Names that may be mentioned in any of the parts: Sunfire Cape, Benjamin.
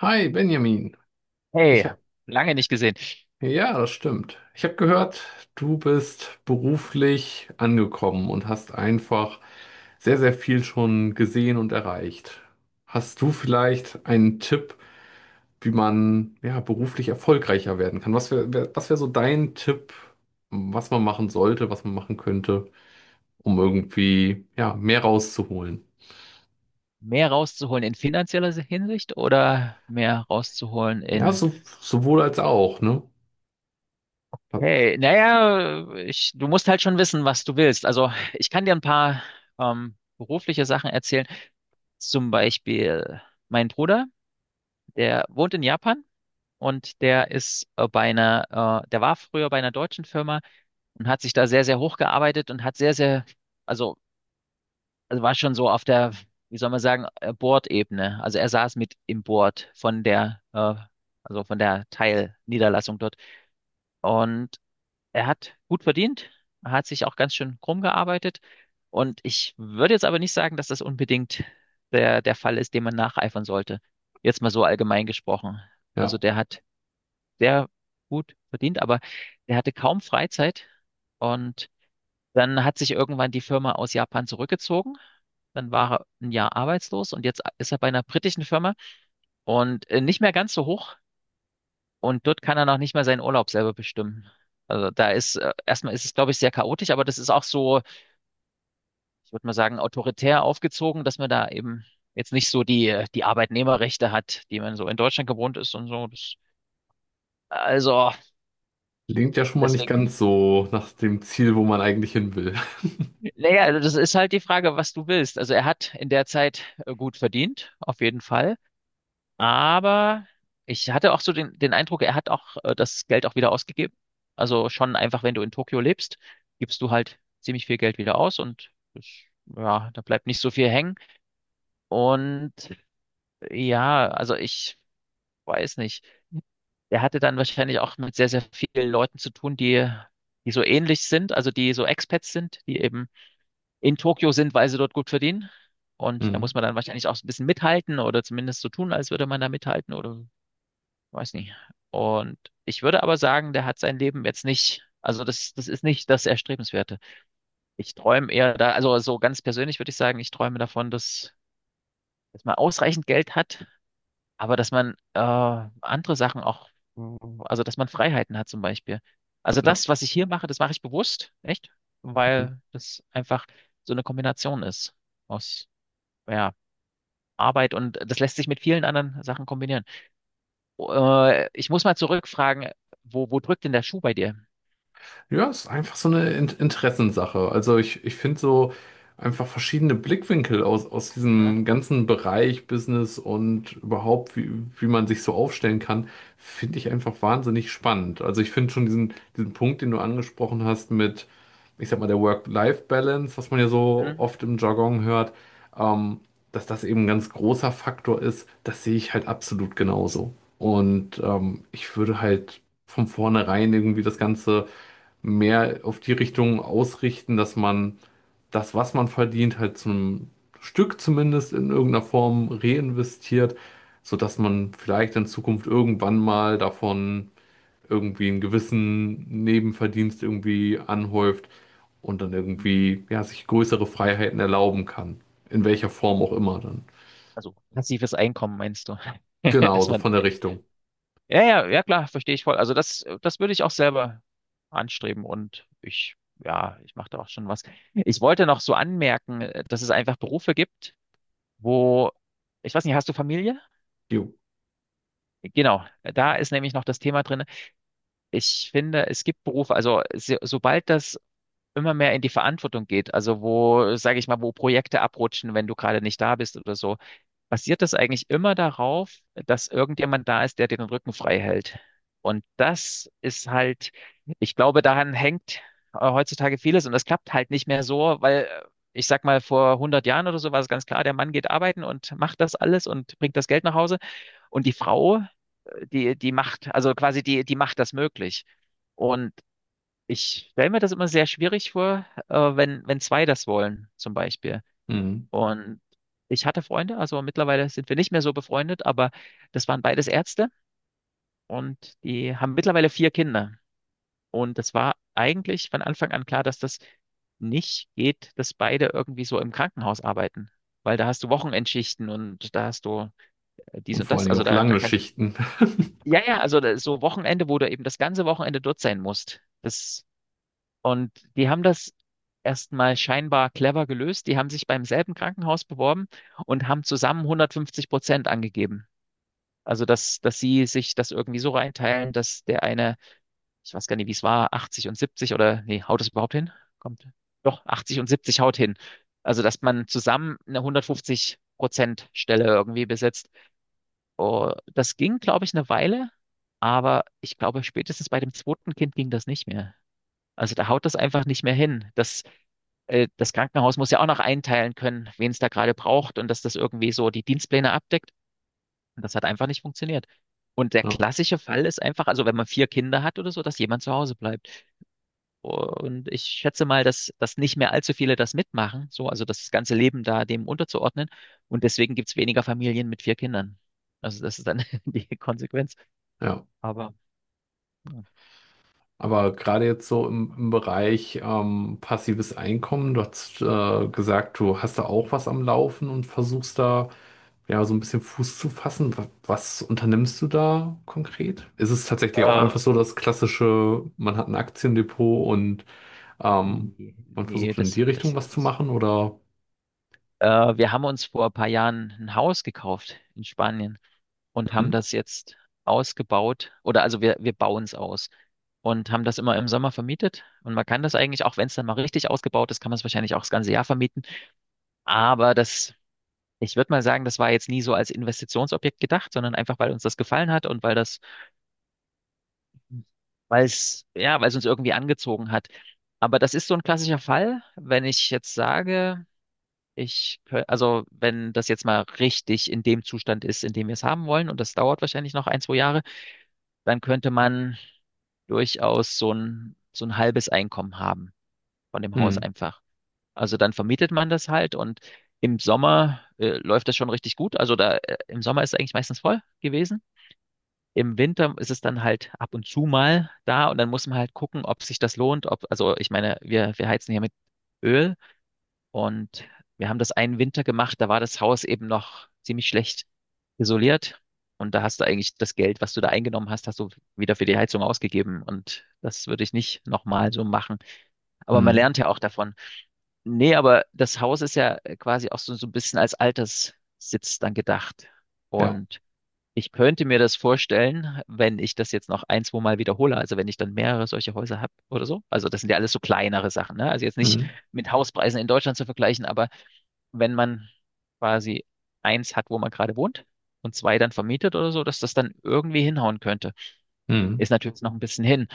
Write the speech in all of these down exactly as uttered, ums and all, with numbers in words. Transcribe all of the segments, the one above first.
Hi Benjamin, ich Hey, hab, lange nicht gesehen. ja, das stimmt. Ich habe gehört, du bist beruflich angekommen und hast einfach sehr, sehr viel schon gesehen und erreicht. Hast du vielleicht einen Tipp, wie man ja beruflich erfolgreicher werden kann? Was wäre, wär, was wäre so dein Tipp, was man machen sollte, was man machen könnte, um irgendwie ja mehr rauszuholen? Mehr rauszuholen in finanzieller Hinsicht oder mehr rauszuholen Ja, in, so, sowohl als auch, ne? hey, naja, ich, du musst halt schon wissen, was du willst. Also ich kann dir ein paar ähm, berufliche Sachen erzählen. Zum Beispiel mein Bruder, der wohnt in Japan und der ist äh, bei einer, äh, der war früher bei einer deutschen Firma und hat sich da sehr, sehr hochgearbeitet und hat sehr, sehr, also also war schon so auf der, wie soll man sagen, äh, Bordebene. Also er saß mit im Board von der, äh, also von der Teilniederlassung dort. Und er hat gut verdient, er hat sich auch ganz schön krumm gearbeitet. Und ich würde jetzt aber nicht sagen, dass das unbedingt der, der Fall ist, dem man nacheifern sollte. Jetzt mal so allgemein gesprochen. Also Ja. der hat sehr gut verdient, aber der hatte kaum Freizeit, und dann hat sich irgendwann die Firma aus Japan zurückgezogen. Dann war er ein Jahr arbeitslos und jetzt ist er bei einer britischen Firma und äh, nicht mehr ganz so hoch. Und dort kann er noch nicht mal seinen Urlaub selber bestimmen. Also da ist, äh, erstmal ist es, glaube ich, sehr chaotisch, aber das ist auch so, ich würde mal sagen, autoritär aufgezogen, dass man da eben jetzt nicht so die, äh, die Arbeitnehmerrechte hat, die man so in Deutschland gewohnt ist und so. Das, also, Klingt ja schon mal nicht deswegen, ganz so nach dem Ziel, wo man eigentlich hin will. naja, also das ist halt die Frage, was du willst. Also er hat in der Zeit äh, gut verdient, auf jeden Fall. Aber ich hatte auch so den, den Eindruck, er hat auch äh, das Geld auch wieder ausgegeben. Also schon einfach, wenn du in Tokio lebst, gibst du halt ziemlich viel Geld wieder aus, und das, ja, da bleibt nicht so viel hängen. Und ja, also ich weiß nicht. Er hatte dann wahrscheinlich auch mit sehr, sehr vielen Leuten zu tun, die, die so ähnlich sind, also die so Expats sind, die eben in Tokio sind, weil sie dort gut verdienen. Und da muss Mhm. man dann wahrscheinlich auch so ein bisschen mithalten oder zumindest so tun, als würde man da mithalten oder weiß nicht. Und ich würde aber sagen, der hat sein Leben jetzt nicht, also das, das ist nicht das Erstrebenswerte. Ich träume eher da, also so ganz persönlich würde ich sagen, ich träume davon, dass, dass man ausreichend Geld hat, aber dass man äh, andere Sachen auch, also dass man Freiheiten hat zum Beispiel. Also Ja. das, was ich hier mache, das mache ich bewusst, echt, weil das einfach so eine Kombination ist aus, ja, Arbeit, und das lässt sich mit vielen anderen Sachen kombinieren. Äh, ich muss mal zurückfragen, wo, wo drückt denn der Schuh bei dir? Ja, es ist einfach so eine In Interessenssache. Also ich, ich finde so einfach verschiedene Blickwinkel aus, aus Ja. diesem ganzen Bereich Business und überhaupt, wie, wie man sich so aufstellen kann, finde ich einfach wahnsinnig spannend. Also ich finde schon diesen, diesen Punkt, den du angesprochen hast mit, ich sag mal, der Work-Life-Balance, was man ja so Hm? oft im Jargon hört, ähm, dass das eben ein ganz großer Faktor ist, das sehe ich halt absolut genauso. Und ähm, ich würde halt von vornherein irgendwie das Ganze mehr auf die Richtung ausrichten, dass man das, was man verdient, halt zum Stück zumindest in irgendeiner Form reinvestiert, sodass man vielleicht in Zukunft irgendwann mal davon irgendwie einen gewissen Nebenverdienst irgendwie anhäuft und dann irgendwie ja, sich größere Freiheiten erlauben kann. In welcher Form auch immer dann. Also passives Einkommen meinst du? Genau, Dass so man, von der Richtung. ja, ja, ja klar, verstehe ich voll. Also das, das würde ich auch selber anstreben, und ich, ja, ich mache da auch schon was. Ich wollte noch so anmerken, äh, dass es einfach Berufe gibt, wo, ich weiß nicht, hast du Familie? Jo. Genau, da ist nämlich noch das Thema drin. Ich finde, es gibt Berufe, also so, sobald das immer mehr in die Verantwortung geht. Also wo, sage ich mal, wo Projekte abrutschen, wenn du gerade nicht da bist oder so. Basiert das eigentlich immer darauf, dass irgendjemand da ist, der dir den Rücken frei hält? Und das ist halt, ich glaube, daran hängt äh, heutzutage vieles, und das klappt halt nicht mehr so, weil äh, ich sag mal, vor hundert Jahren oder so war es ganz klar, der Mann geht arbeiten und macht das alles und bringt das Geld nach Hause, und die Frau, äh, die, die macht, also quasi die, die macht das möglich. Und ich stelle mir das immer sehr schwierig vor, äh, wenn, wenn zwei das wollen, zum Beispiel. Mhm. Und ich hatte Freunde, also mittlerweile sind wir nicht mehr so befreundet, aber das waren beides Ärzte, und die haben mittlerweile vier Kinder. Und das war eigentlich von Anfang an klar, dass das nicht geht, dass beide irgendwie so im Krankenhaus arbeiten. Weil da hast du Wochenendschichten, und da hast du äh, dies Und und vor allen das. Dingen Also auch da, da lange kann, Schichten. ja, ja, also da- so Wochenende, wo du eben das ganze Wochenende dort sein musst. Das Und die haben das erstmal scheinbar clever gelöst. Die haben sich beim selben Krankenhaus beworben und haben zusammen hundertfünfzig Prozent angegeben. Also, dass, dass sie sich das irgendwie so reinteilen, dass der eine, ich weiß gar nicht, wie es war, achtzig und siebzig oder, nee, haut es überhaupt hin? Kommt. Doch, achtzig und siebzig haut hin. Also, dass man zusammen eine hundertfünfzig Prozent Stelle irgendwie besetzt. Oh, das ging, glaube ich, eine Weile, aber ich glaube, spätestens bei dem zweiten Kind ging das nicht mehr. Also da haut das einfach nicht mehr hin. Das, äh, das Krankenhaus muss ja auch noch einteilen können, wen es da gerade braucht und dass das irgendwie so die Dienstpläne abdeckt. Und das hat einfach nicht funktioniert. Und der Ja, klassische Fall ist einfach, also wenn man vier Kinder hat oder so, dass jemand zu Hause bleibt. Und ich schätze mal, dass, dass nicht mehr allzu viele das mitmachen, so, also das ganze Leben da dem unterzuordnen. Und deswegen gibt's weniger Familien mit vier Kindern. Also das ist dann die Konsequenz. ja. Aber Aber gerade jetzt so im, im Bereich ähm, passives Einkommen, du hast äh, gesagt, du hast da auch was am Laufen und versuchst da ja so ein bisschen Fuß zu fassen. Wa- Was unternimmst du da konkret? Ist es tatsächlich auch äh, einfach so das klassische, man hat ein Aktiendepot und ähm, nee, man nee, versucht in das, die das, Richtung was zu das machen oder? Äh, wir haben uns vor ein paar Jahren ein Haus gekauft in Spanien und haben Mhm. das jetzt ausgebaut, oder also wir, wir bauen es aus und haben das immer im Sommer vermietet. Und man kann das eigentlich, auch wenn es dann mal richtig ausgebaut ist, kann man es wahrscheinlich auch das ganze Jahr vermieten. Aber das, ich würde mal sagen, das war jetzt nie so als Investitionsobjekt gedacht, sondern einfach, weil uns das gefallen hat und weil das, weil es, ja, weil es uns irgendwie angezogen hat. Aber das ist so ein klassischer Fall, wenn ich jetzt sage, Ich, kö- also wenn das jetzt mal richtig in dem Zustand ist, in dem wir es haben wollen, und das dauert wahrscheinlich noch ein, zwei Jahre, dann könnte man durchaus so ein, so ein halbes Einkommen haben von dem Haus Mhm. einfach. Also dann vermietet man das halt, und im Sommer äh, läuft das schon richtig gut. Also da äh, im Sommer ist es eigentlich meistens voll gewesen. Im Winter ist es dann halt ab und zu mal da, und dann muss man halt gucken, ob sich das lohnt, ob, also ich meine, wir, wir heizen hier mit Öl, und wir haben das einen Winter gemacht, da war das Haus eben noch ziemlich schlecht isoliert. Und da hast du eigentlich das Geld, was du da eingenommen hast, hast du wieder für die Heizung ausgegeben. Und das würde ich nicht nochmal so machen. Aber man Mhm. lernt ja auch davon. Nee, aber das Haus ist ja quasi auch so, so ein bisschen als Alterssitz dann gedacht. Ja. Und ich könnte mir das vorstellen, wenn ich das jetzt noch ein, zwei Mal wiederhole, also wenn ich dann mehrere solche Häuser habe oder so. Also das sind ja alles so kleinere Sachen, ne? Also jetzt nicht Mhm. mit Hauspreisen in Deutschland zu vergleichen, aber wenn man quasi eins hat, wo man gerade wohnt, und zwei dann vermietet oder so, dass das dann irgendwie hinhauen könnte. Mhm. Ist natürlich noch ein bisschen hin.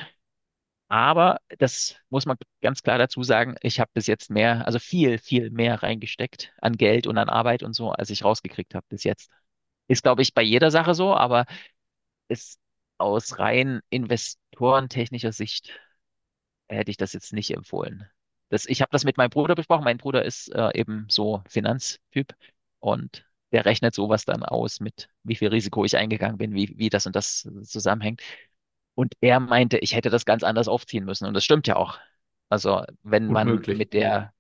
Aber das muss man ganz klar dazu sagen, ich habe bis jetzt mehr, also viel, viel mehr reingesteckt an Geld und an Arbeit und so, als ich rausgekriegt habe bis jetzt. Ist, glaube ich, bei jeder Sache so, aber ist aus rein investorentechnischer Sicht hätte ich das jetzt nicht empfohlen. Das, ich habe das mit meinem Bruder besprochen. Mein Bruder ist äh, eben so Finanztyp, und der rechnet sowas dann aus mit, wie viel Risiko ich eingegangen bin, wie, wie das und das zusammenhängt. Und er meinte, ich hätte das ganz anders aufziehen müssen. Und das stimmt ja auch. Also wenn Gut man möglich. mit der,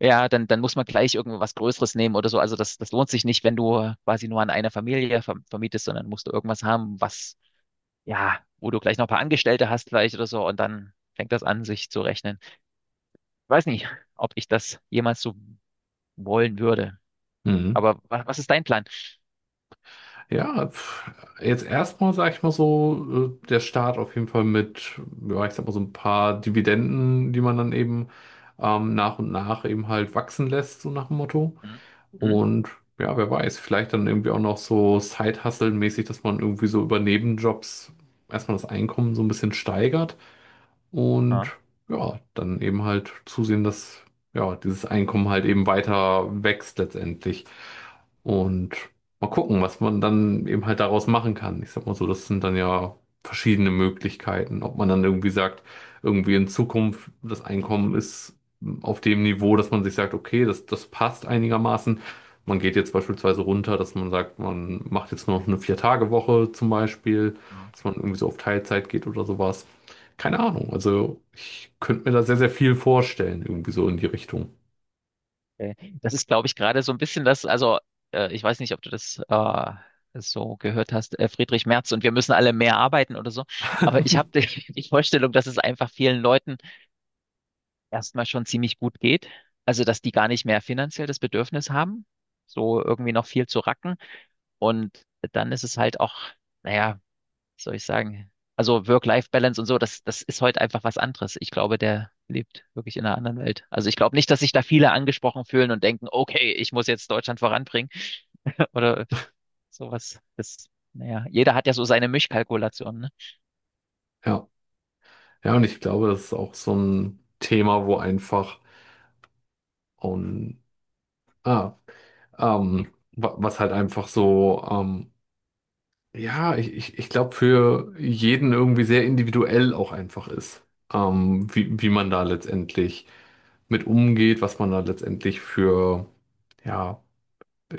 ja, dann, dann muss man gleich irgendwas Größeres nehmen oder so. Also das, das lohnt sich nicht, wenn du quasi nur an einer Familie verm- vermietest, sondern musst du irgendwas haben, was ja, wo du gleich noch ein paar Angestellte hast vielleicht oder so, und dann fängt das an, sich zu rechnen. Ich weiß nicht, ob ich das jemals so wollen würde. Mhm. Aber was, was ist dein Plan? Ja, pf, jetzt erstmal sage ich mal so, äh, der Start auf jeden Fall mit, ja, ich sag mal so ein paar Dividenden, die man dann eben ähm, nach und nach eben halt wachsen lässt, so nach dem Motto. Hm? Hm? Und ja, wer weiß, vielleicht dann irgendwie auch noch so Side-Hustle-mäßig, dass man irgendwie so über Nebenjobs erstmal das Einkommen so ein bisschen steigert und Ah, ja, dann eben halt zusehen, dass ja, dieses Einkommen halt eben weiter wächst letztendlich. Und mal gucken, was man dann eben halt daraus machen kann. Ich sag mal so, das sind dann ja verschiedene Möglichkeiten. Ob man dann irgendwie sagt, irgendwie in Zukunft das Einkommen ist auf dem Niveau, dass man sich sagt, okay, das, das passt einigermaßen. Man geht jetzt beispielsweise runter, dass man sagt, man macht jetzt nur noch eine Vier-Tage-Woche zum Beispiel, ah, dass man irgendwie so auf Teilzeit geht oder sowas. Keine Ahnung. Also ich könnte mir da sehr, sehr viel vorstellen, irgendwie so in die Richtung. okay. Das ist, glaube ich, gerade so ein bisschen das, also äh, ich weiß nicht, ob du das äh, so gehört hast, äh, Friedrich Merz und wir müssen alle mehr arbeiten oder so. Aber ich habe die, die Vorstellung, dass es einfach vielen Leuten erstmal schon ziemlich gut geht. Also, dass die gar nicht mehr finanziell das Bedürfnis haben, so irgendwie noch viel zu racken. Und dann ist es halt auch, naja, was soll ich sagen? Also Work-Life-Balance und so, das, das ist heute einfach was anderes. Ich glaube, der lebt wirklich in einer anderen Welt. Also ich glaube nicht, dass sich da viele angesprochen fühlen und denken, okay, ich muss jetzt Deutschland voranbringen oder sowas. Das, naja, jeder hat ja so seine Mischkalkulationen, ne? Ja. Ja, und ich glaube, das ist auch so ein Thema, wo einfach und ah, ähm, wa- was halt einfach so, ähm, ja, ich, ich, ich glaube, für jeden irgendwie sehr individuell auch einfach ist, ähm, wie, wie man da letztendlich mit umgeht, was man da letztendlich für, ja,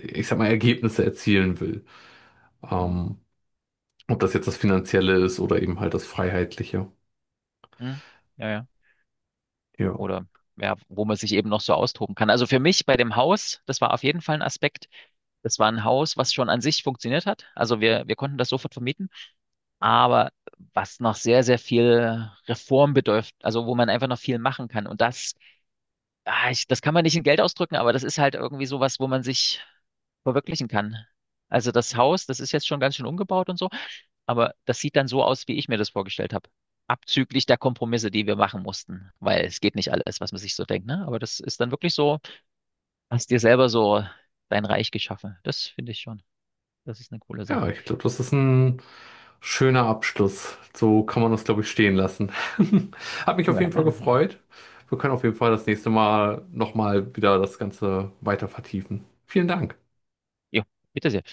ich sag mal, Ergebnisse erzielen will. Mhm. Ähm, ob das jetzt das Finanzielle ist oder eben halt das Freiheitliche. Mhm. Ja, ja. Ja. Oder ja, wo man sich eben noch so austoben kann. Also für mich bei dem Haus, das war auf jeden Fall ein Aspekt. Das war ein Haus, was schon an sich funktioniert hat. Also wir, wir konnten das sofort vermieten. Aber was noch sehr, sehr viel Reform bedürft, also wo man einfach noch viel machen kann. Und das, ah, ich, das kann man nicht in Geld ausdrücken, aber das ist halt irgendwie sowas, wo man sich verwirklichen kann. Also das Haus, das ist jetzt schon ganz schön umgebaut und so, aber das sieht dann so aus, wie ich mir das vorgestellt habe. Abzüglich der Kompromisse, die wir machen mussten, weil es geht nicht alles, was man sich so denkt, ne? Aber das ist dann wirklich so, hast dir selber so dein Reich geschaffen. Das finde ich schon. Das ist eine coole Ja, Sache. ich glaube, das ist ein schöner Abschluss. So kann man das, glaube ich, stehen lassen. Hat mich auf Ja, jeden Fall dann. gefreut. Wir können auf jeden Fall das nächste Mal nochmal wieder das Ganze weiter vertiefen. Vielen Dank. Jo, bitte sehr.